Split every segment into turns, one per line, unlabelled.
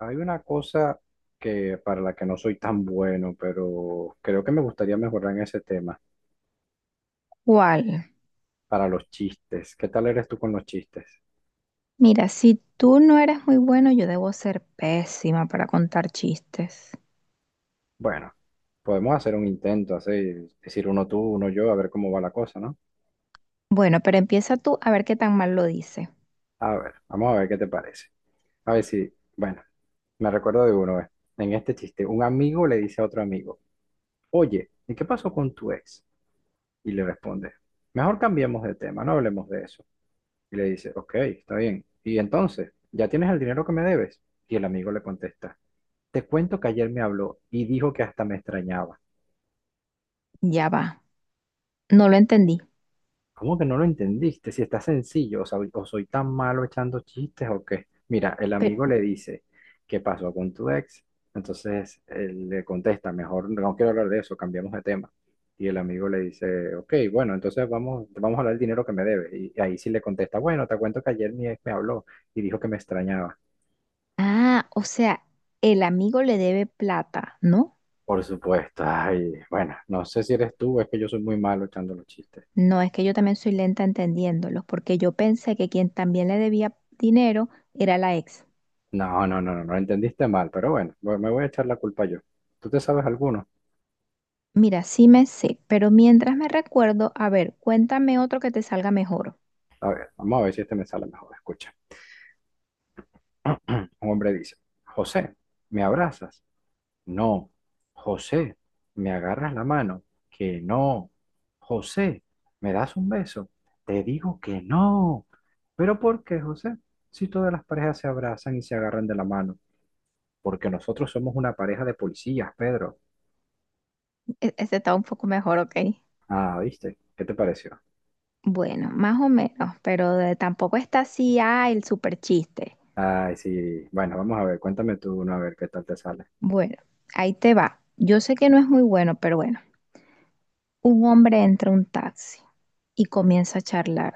Hay una cosa que para la que no soy tan bueno, pero creo que me gustaría mejorar en ese tema,
¿Cuál?
para los chistes. ¿Qué tal eres tú con los chistes?
Mira, si tú no eres muy bueno, yo debo ser pésima para contar chistes.
Bueno, podemos hacer un intento, así, decir uno tú, uno yo, a ver cómo va la cosa, ¿no?
Bueno, pero empieza tú a ver qué tan mal lo dice.
A ver, vamos a ver qué te parece. A ver si, bueno, me recuerdo de uno, ¿eh? En este chiste, un amigo le dice a otro amigo, oye, ¿y qué pasó con tu ex? Y le responde, mejor cambiemos de tema, no hablemos de eso. Y le dice, ok, está bien. Y entonces, ¿ya tienes el dinero que me debes? Y el amigo le contesta, te cuento que ayer me habló y dijo que hasta me extrañaba.
Ya va. No lo entendí.
¿Cómo que no lo entendiste? Si está sencillo, o, o soy tan malo echando chistes o qué. Mira, el
Pero,
amigo le dice, ¿qué pasó con tu ex? Entonces él le contesta, mejor no quiero hablar de eso, cambiamos de tema. Y el amigo le dice, ok, bueno, entonces vamos a hablar del dinero que me debes. Y ahí sí le contesta, bueno, te cuento que ayer mi ex me habló y dijo que me extrañaba.
ah, o sea, el amigo le debe plata, ¿no?
Por supuesto. Ay, bueno, no sé si eres tú o es que yo soy muy malo echando los chistes.
No, es que yo también soy lenta entendiéndolos, porque yo pensé que quien también le debía dinero era la ex.
No, no, no, no, no entendiste mal, pero bueno, me voy a echar la culpa yo. ¿Tú te sabes alguno?
Mira, sí me sé, pero mientras me recuerdo, a ver, cuéntame otro que te salga mejor.
A ver, vamos a ver si este me sale mejor. Escucha. Un hombre dice, José, ¿me abrazas? No. José, ¿me agarras la mano? Que no. José, ¿me das un beso? Te digo que no. ¿Pero por qué, José? Si todas las parejas se abrazan y se agarran de la mano. Porque nosotros somos una pareja de policías, Pedro.
Este está un poco mejor, ¿ok?
Ah, ¿viste? ¿Qué te pareció?
Bueno, más o menos, pero tampoco está así, el super chiste.
Ay, sí. Bueno, vamos a ver, cuéntame tú uno a ver qué tal te sale.
Bueno, ahí te va. Yo sé que no es muy bueno, pero bueno. Un hombre entra a un taxi y comienza a charlar.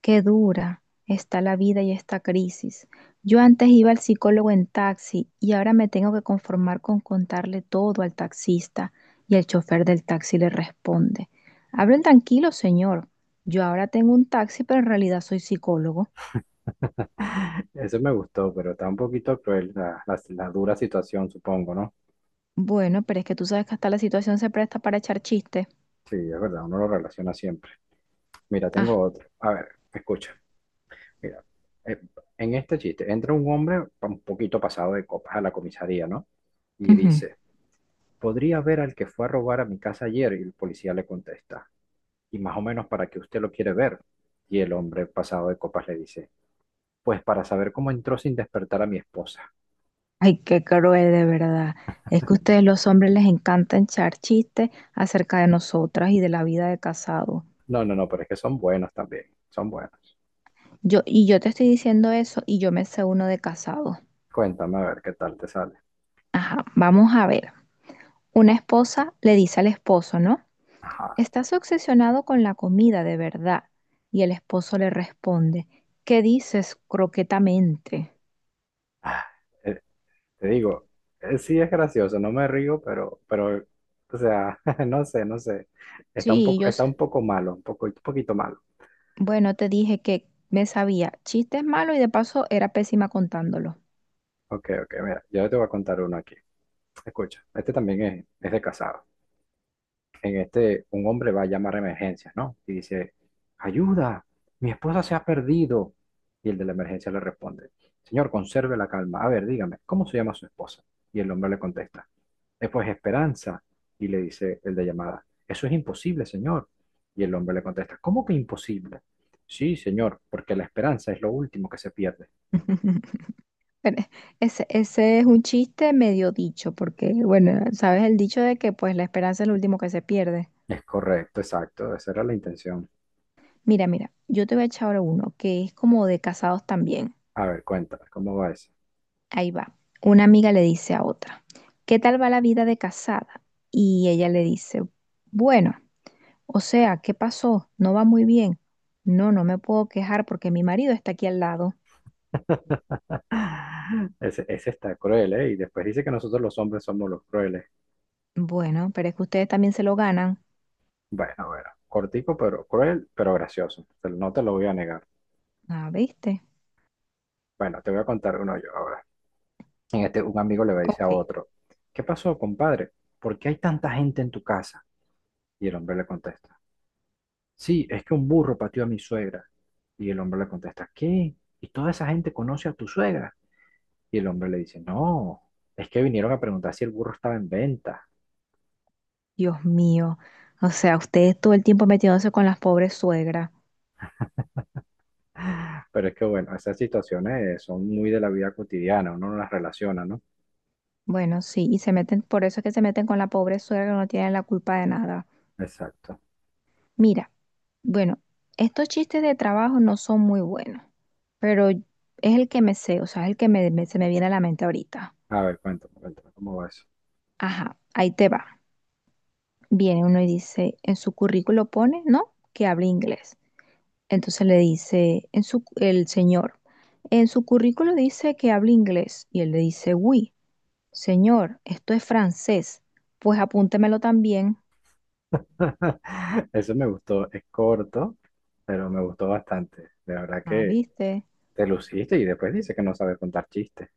Qué dura está la vida y esta crisis. Yo antes iba al psicólogo en taxi y ahora me tengo que conformar con contarle todo al taxista y el chofer del taxi le responde. Hablen tranquilo, señor. Yo ahora tengo un taxi, pero en realidad soy psicólogo.
Ese me gustó, pero está un poquito cruel la dura situación, supongo, ¿no?
Bueno, pero es que tú sabes que hasta la situación se presta para echar chistes.
Sí, es verdad, uno lo relaciona siempre. Mira, tengo
Ah.
otro. A ver, escucha. Mira, eh, en este chiste entra un hombre un poquito pasado de copas a la comisaría, ¿no? Y
Ujú.
dice, podría ver al que fue a robar a mi casa ayer y el policía le contesta. Y más o menos para qué usted lo quiere ver. Y el hombre pasado de copas le dice, pues para saber cómo entró sin despertar a mi esposa.
Ay, qué cruel, de verdad. Es que a ustedes los hombres les encanta echar chistes acerca de nosotras y de la vida de casado.
No, no, no, pero es que son buenos también, son buenos.
Y yo te estoy diciendo eso y yo me sé uno de casado.
Cuéntame a ver qué tal te sale.
Ajá, vamos a ver. Una esposa le dice al esposo, ¿no?
Ajá.
Estás obsesionado con la comida, de verdad. Y el esposo le responde, ¿qué dices croquetamente?
Ah, eh, te digo, sí es gracioso, no me río, pero, o sea, no sé, no sé.
Sí.
Está un poco malo, un poco, un poquito malo.
Bueno, te dije que me sabía chistes malos y de paso era pésima contándolo.
Ok, ok, mira, yo te voy a contar uno aquí. Escucha, este también es de casado. En este, un hombre va a llamar a emergencias, ¿no? Y dice, ayuda, mi esposa se ha perdido. Y el de la emergencia le responde, señor, conserve la calma. A ver, dígame, ¿cómo se llama su esposa? Y el hombre le contesta, pues Esperanza". Y le dice el de llamada, eso es imposible, señor. Y el hombre le contesta, ¿cómo que imposible? Sí, señor, porque la esperanza es lo último que se pierde.
Pero ese es un chiste medio dicho, porque, bueno, sabes el dicho de que pues la esperanza es lo último que se pierde.
Es correcto, exacto, esa era la intención.
Mira, yo te voy a echar ahora uno que es como de casados también.
A ver, cuéntame, ¿cómo va eso?
Ahí va. Una amiga le dice a otra, ¿qué tal va la vida de casada? Y ella le dice, bueno, o sea, ¿qué pasó? No va muy bien. No, no me puedo quejar porque mi marido está aquí al lado.
Ah, ese está cruel, ¿eh? Y después dice que nosotros los hombres somos los crueles.
Bueno, pero es que ustedes también se lo ganan.
Bueno, bueno, cortico, pero cruel, pero gracioso. No te lo voy a negar.
Ah, ¿viste?
Bueno, te voy a contar uno yo ahora. En este, un amigo le dice a
Ok.
otro, ¿qué pasó, compadre? ¿Por qué hay tanta gente en tu casa? Y el hombre le contesta, sí, es que un burro pateó a mi suegra. Y el hombre le contesta, ¿qué? ¿Y toda esa gente conoce a tu suegra? Y el hombre le dice, no, es que vinieron a preguntar si el burro estaba en venta.
Dios mío. O sea, ustedes todo el tiempo metiéndose con las pobres suegras.
Pero es que, bueno, esas situaciones son muy de la vida cotidiana, uno no las relaciona, ¿no?
Bueno, sí, y se meten, por eso es que se meten con la pobre suegra que no tienen la culpa de nada.
Exacto.
Mira, bueno, estos chistes de trabajo no son muy buenos, pero es el que me sé, o sea, es el que se me viene a la mente ahorita.
A ver, cuéntame, cuéntame, ¿cómo va eso?
Ajá, ahí te va. Viene uno y dice, en su currículo pone, ¿no? Que habla inglés. Entonces le dice, el señor, en su currículo dice que habla inglés y él le dice, oui, señor, esto es francés, pues apúntemelo también.
Eso me gustó, es corto, pero me gustó bastante. De verdad
Ah,
que
¿viste?
te luciste y después dice que no sabes contar chistes.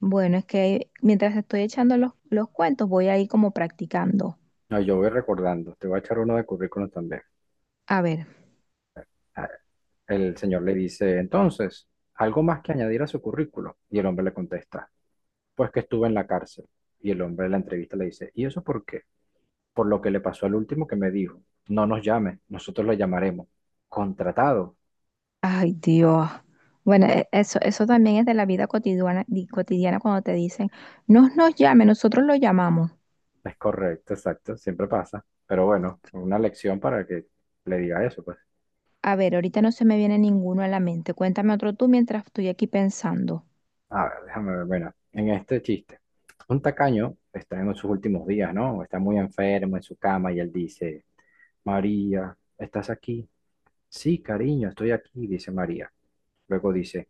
Bueno, es que mientras estoy echando los cuentos voy ahí como practicando.
No, yo voy recordando, te voy a echar uno de currículum también.
A ver,
A- El señor le dice, entonces, ¿algo más que añadir a su currículo? Y el hombre le contesta, pues que estuve en la cárcel. Y el hombre en la entrevista le dice, ¿y eso por qué? Por lo que le pasó al último que me dijo, no nos llame, nosotros lo llamaremos. Contratado.
ay Dios. Bueno, eso también es de la vida cotidiana, cotidiana cuando te dicen, no nos llame, nosotros lo llamamos.
Es correcto, exacto, siempre pasa. Pero bueno, una lección para que le diga eso, pues.
A ver, ahorita no se me viene ninguno a la mente. Cuéntame otro tú mientras estoy aquí pensando.
A ver, déjame ver, bueno, en este chiste. Un tacaño está en sus últimos días, ¿no? Está muy enfermo en su cama y él dice, María, ¿estás aquí? Sí, cariño, estoy aquí, dice María. Luego dice,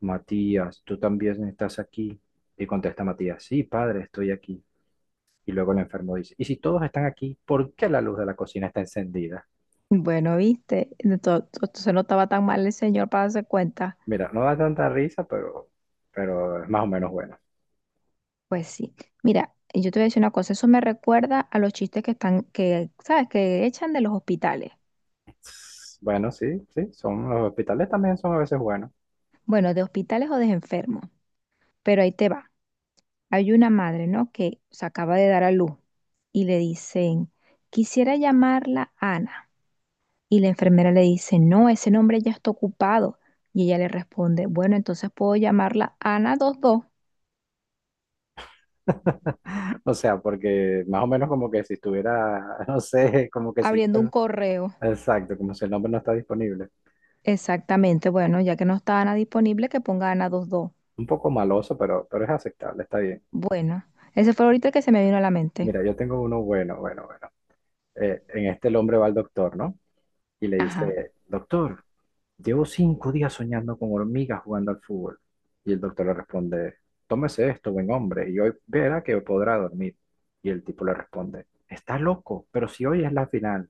Matías, ¿tú también estás aquí? Y contesta Matías, sí, padre, estoy aquí. Y luego el enfermo dice, ¿y si todos están aquí, por qué la luz de la cocina está encendida?
Bueno, viste, De to- to- se no estaba tan mal el señor para darse cuenta.
Mira, no da tanta risa, pero es más o menos bueno.
Pues sí. Mira, yo te voy a decir una cosa, eso me recuerda a los chistes que están, que, ¿sabes? Que echan de los hospitales.
Bueno, sí, sí, son los hospitales también son a veces buenos.
Bueno, de hospitales o de enfermos. Pero ahí te va. Hay una madre, ¿no? Que se acaba de dar a luz y le dicen, quisiera llamarla Ana. Y la enfermera le dice, no, ese nombre ya está ocupado. Y ella le responde, bueno, entonces puedo llamarla Ana 22,
O sea, porque más o menos como que si estuviera, no sé, como que si el nombre,
abriendo un correo.
exacto, como si el nombre no está disponible.
Exactamente, bueno, ya que no está Ana disponible, que ponga Ana 22.
Un poco maloso, pero es aceptable, está bien.
Bueno, ese fue ahorita el que se me vino a la mente.
Mira, yo tengo uno bueno, bueno, bueno. En este el hombre va al doctor, ¿no? Y le
Ajá.
dice, doctor, llevo 5 días soñando con hormigas jugando al fútbol. Y el doctor le responde, tómese esto, buen hombre, y hoy verá que podrá dormir. Y el tipo le responde, está loco, pero si hoy es la final.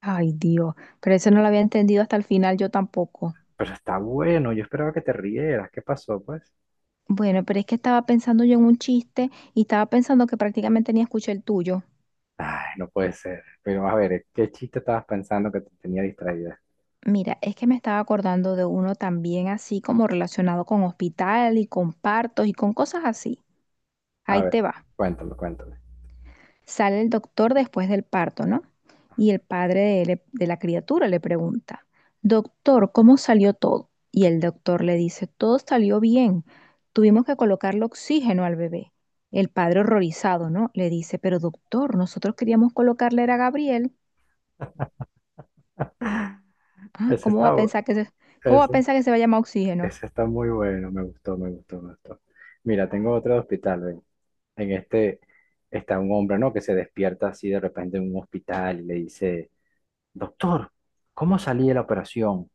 Ay, Dios, pero eso no lo había entendido hasta el final yo tampoco.
Pero está bueno, yo esperaba que te rieras, ¿qué pasó, pues?
Bueno, pero es que estaba pensando yo en un chiste y estaba pensando que prácticamente ni escuché el tuyo.
Ay, no puede ser. Pero a ver, ¿qué chiste estabas pensando que te tenía distraída?
Mira, es que me estaba acordando de uno también así como relacionado con hospital y con partos y con cosas así.
A
Ahí
ver,
te va.
cuéntame, cuéntame.
Sale el doctor después del parto, ¿no? Y el padre de la criatura le pregunta, doctor, ¿cómo salió todo? Y el doctor le dice, todo salió bien. Tuvimos que colocarle oxígeno al bebé. El padre horrorizado, ¿no? Le dice, pero doctor, nosotros queríamos colocarle era a Gabriel. Ah,
Ese está, bueno.
¿cómo va a pensar que se va a llamar oxígeno?
Ese está muy bueno, me gustó, me gustó, me gustó. Mira, tengo otro de hospital, ven. En este está un hombre, ¿no? Que se despierta así de repente en un hospital y le dice, doctor, ¿cómo salí de la operación?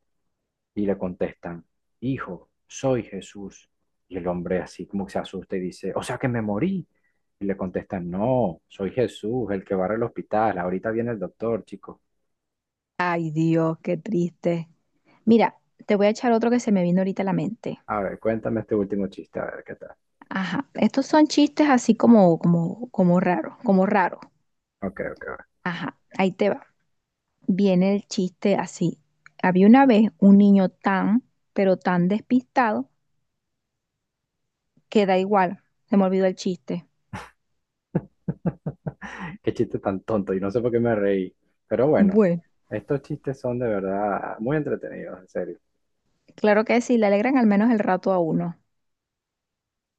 Y le contestan, hijo, soy Jesús. Y el hombre así como que se asusta y dice, o sea que me morí. Y le contestan, no, soy Jesús, el que barre el hospital. Ahorita viene el doctor, chico.
Ay, Dios, qué triste. Mira, te voy a echar otro que se me vino ahorita a la mente.
A ver, cuéntame este último chiste, a ver qué tal.
Ajá, estos son chistes así como raros, como raros.
Ok, ok, ok.
Ajá, ahí te va. Viene el chiste así. Había una vez un niño tan, pero tan despistado que da igual. Se me olvidó el chiste.
Qué chiste tan tonto y no sé por qué me reí. Pero bueno,
Bueno,
estos chistes son de verdad muy entretenidos, en serio.
claro que sí, le alegran al menos el rato a uno.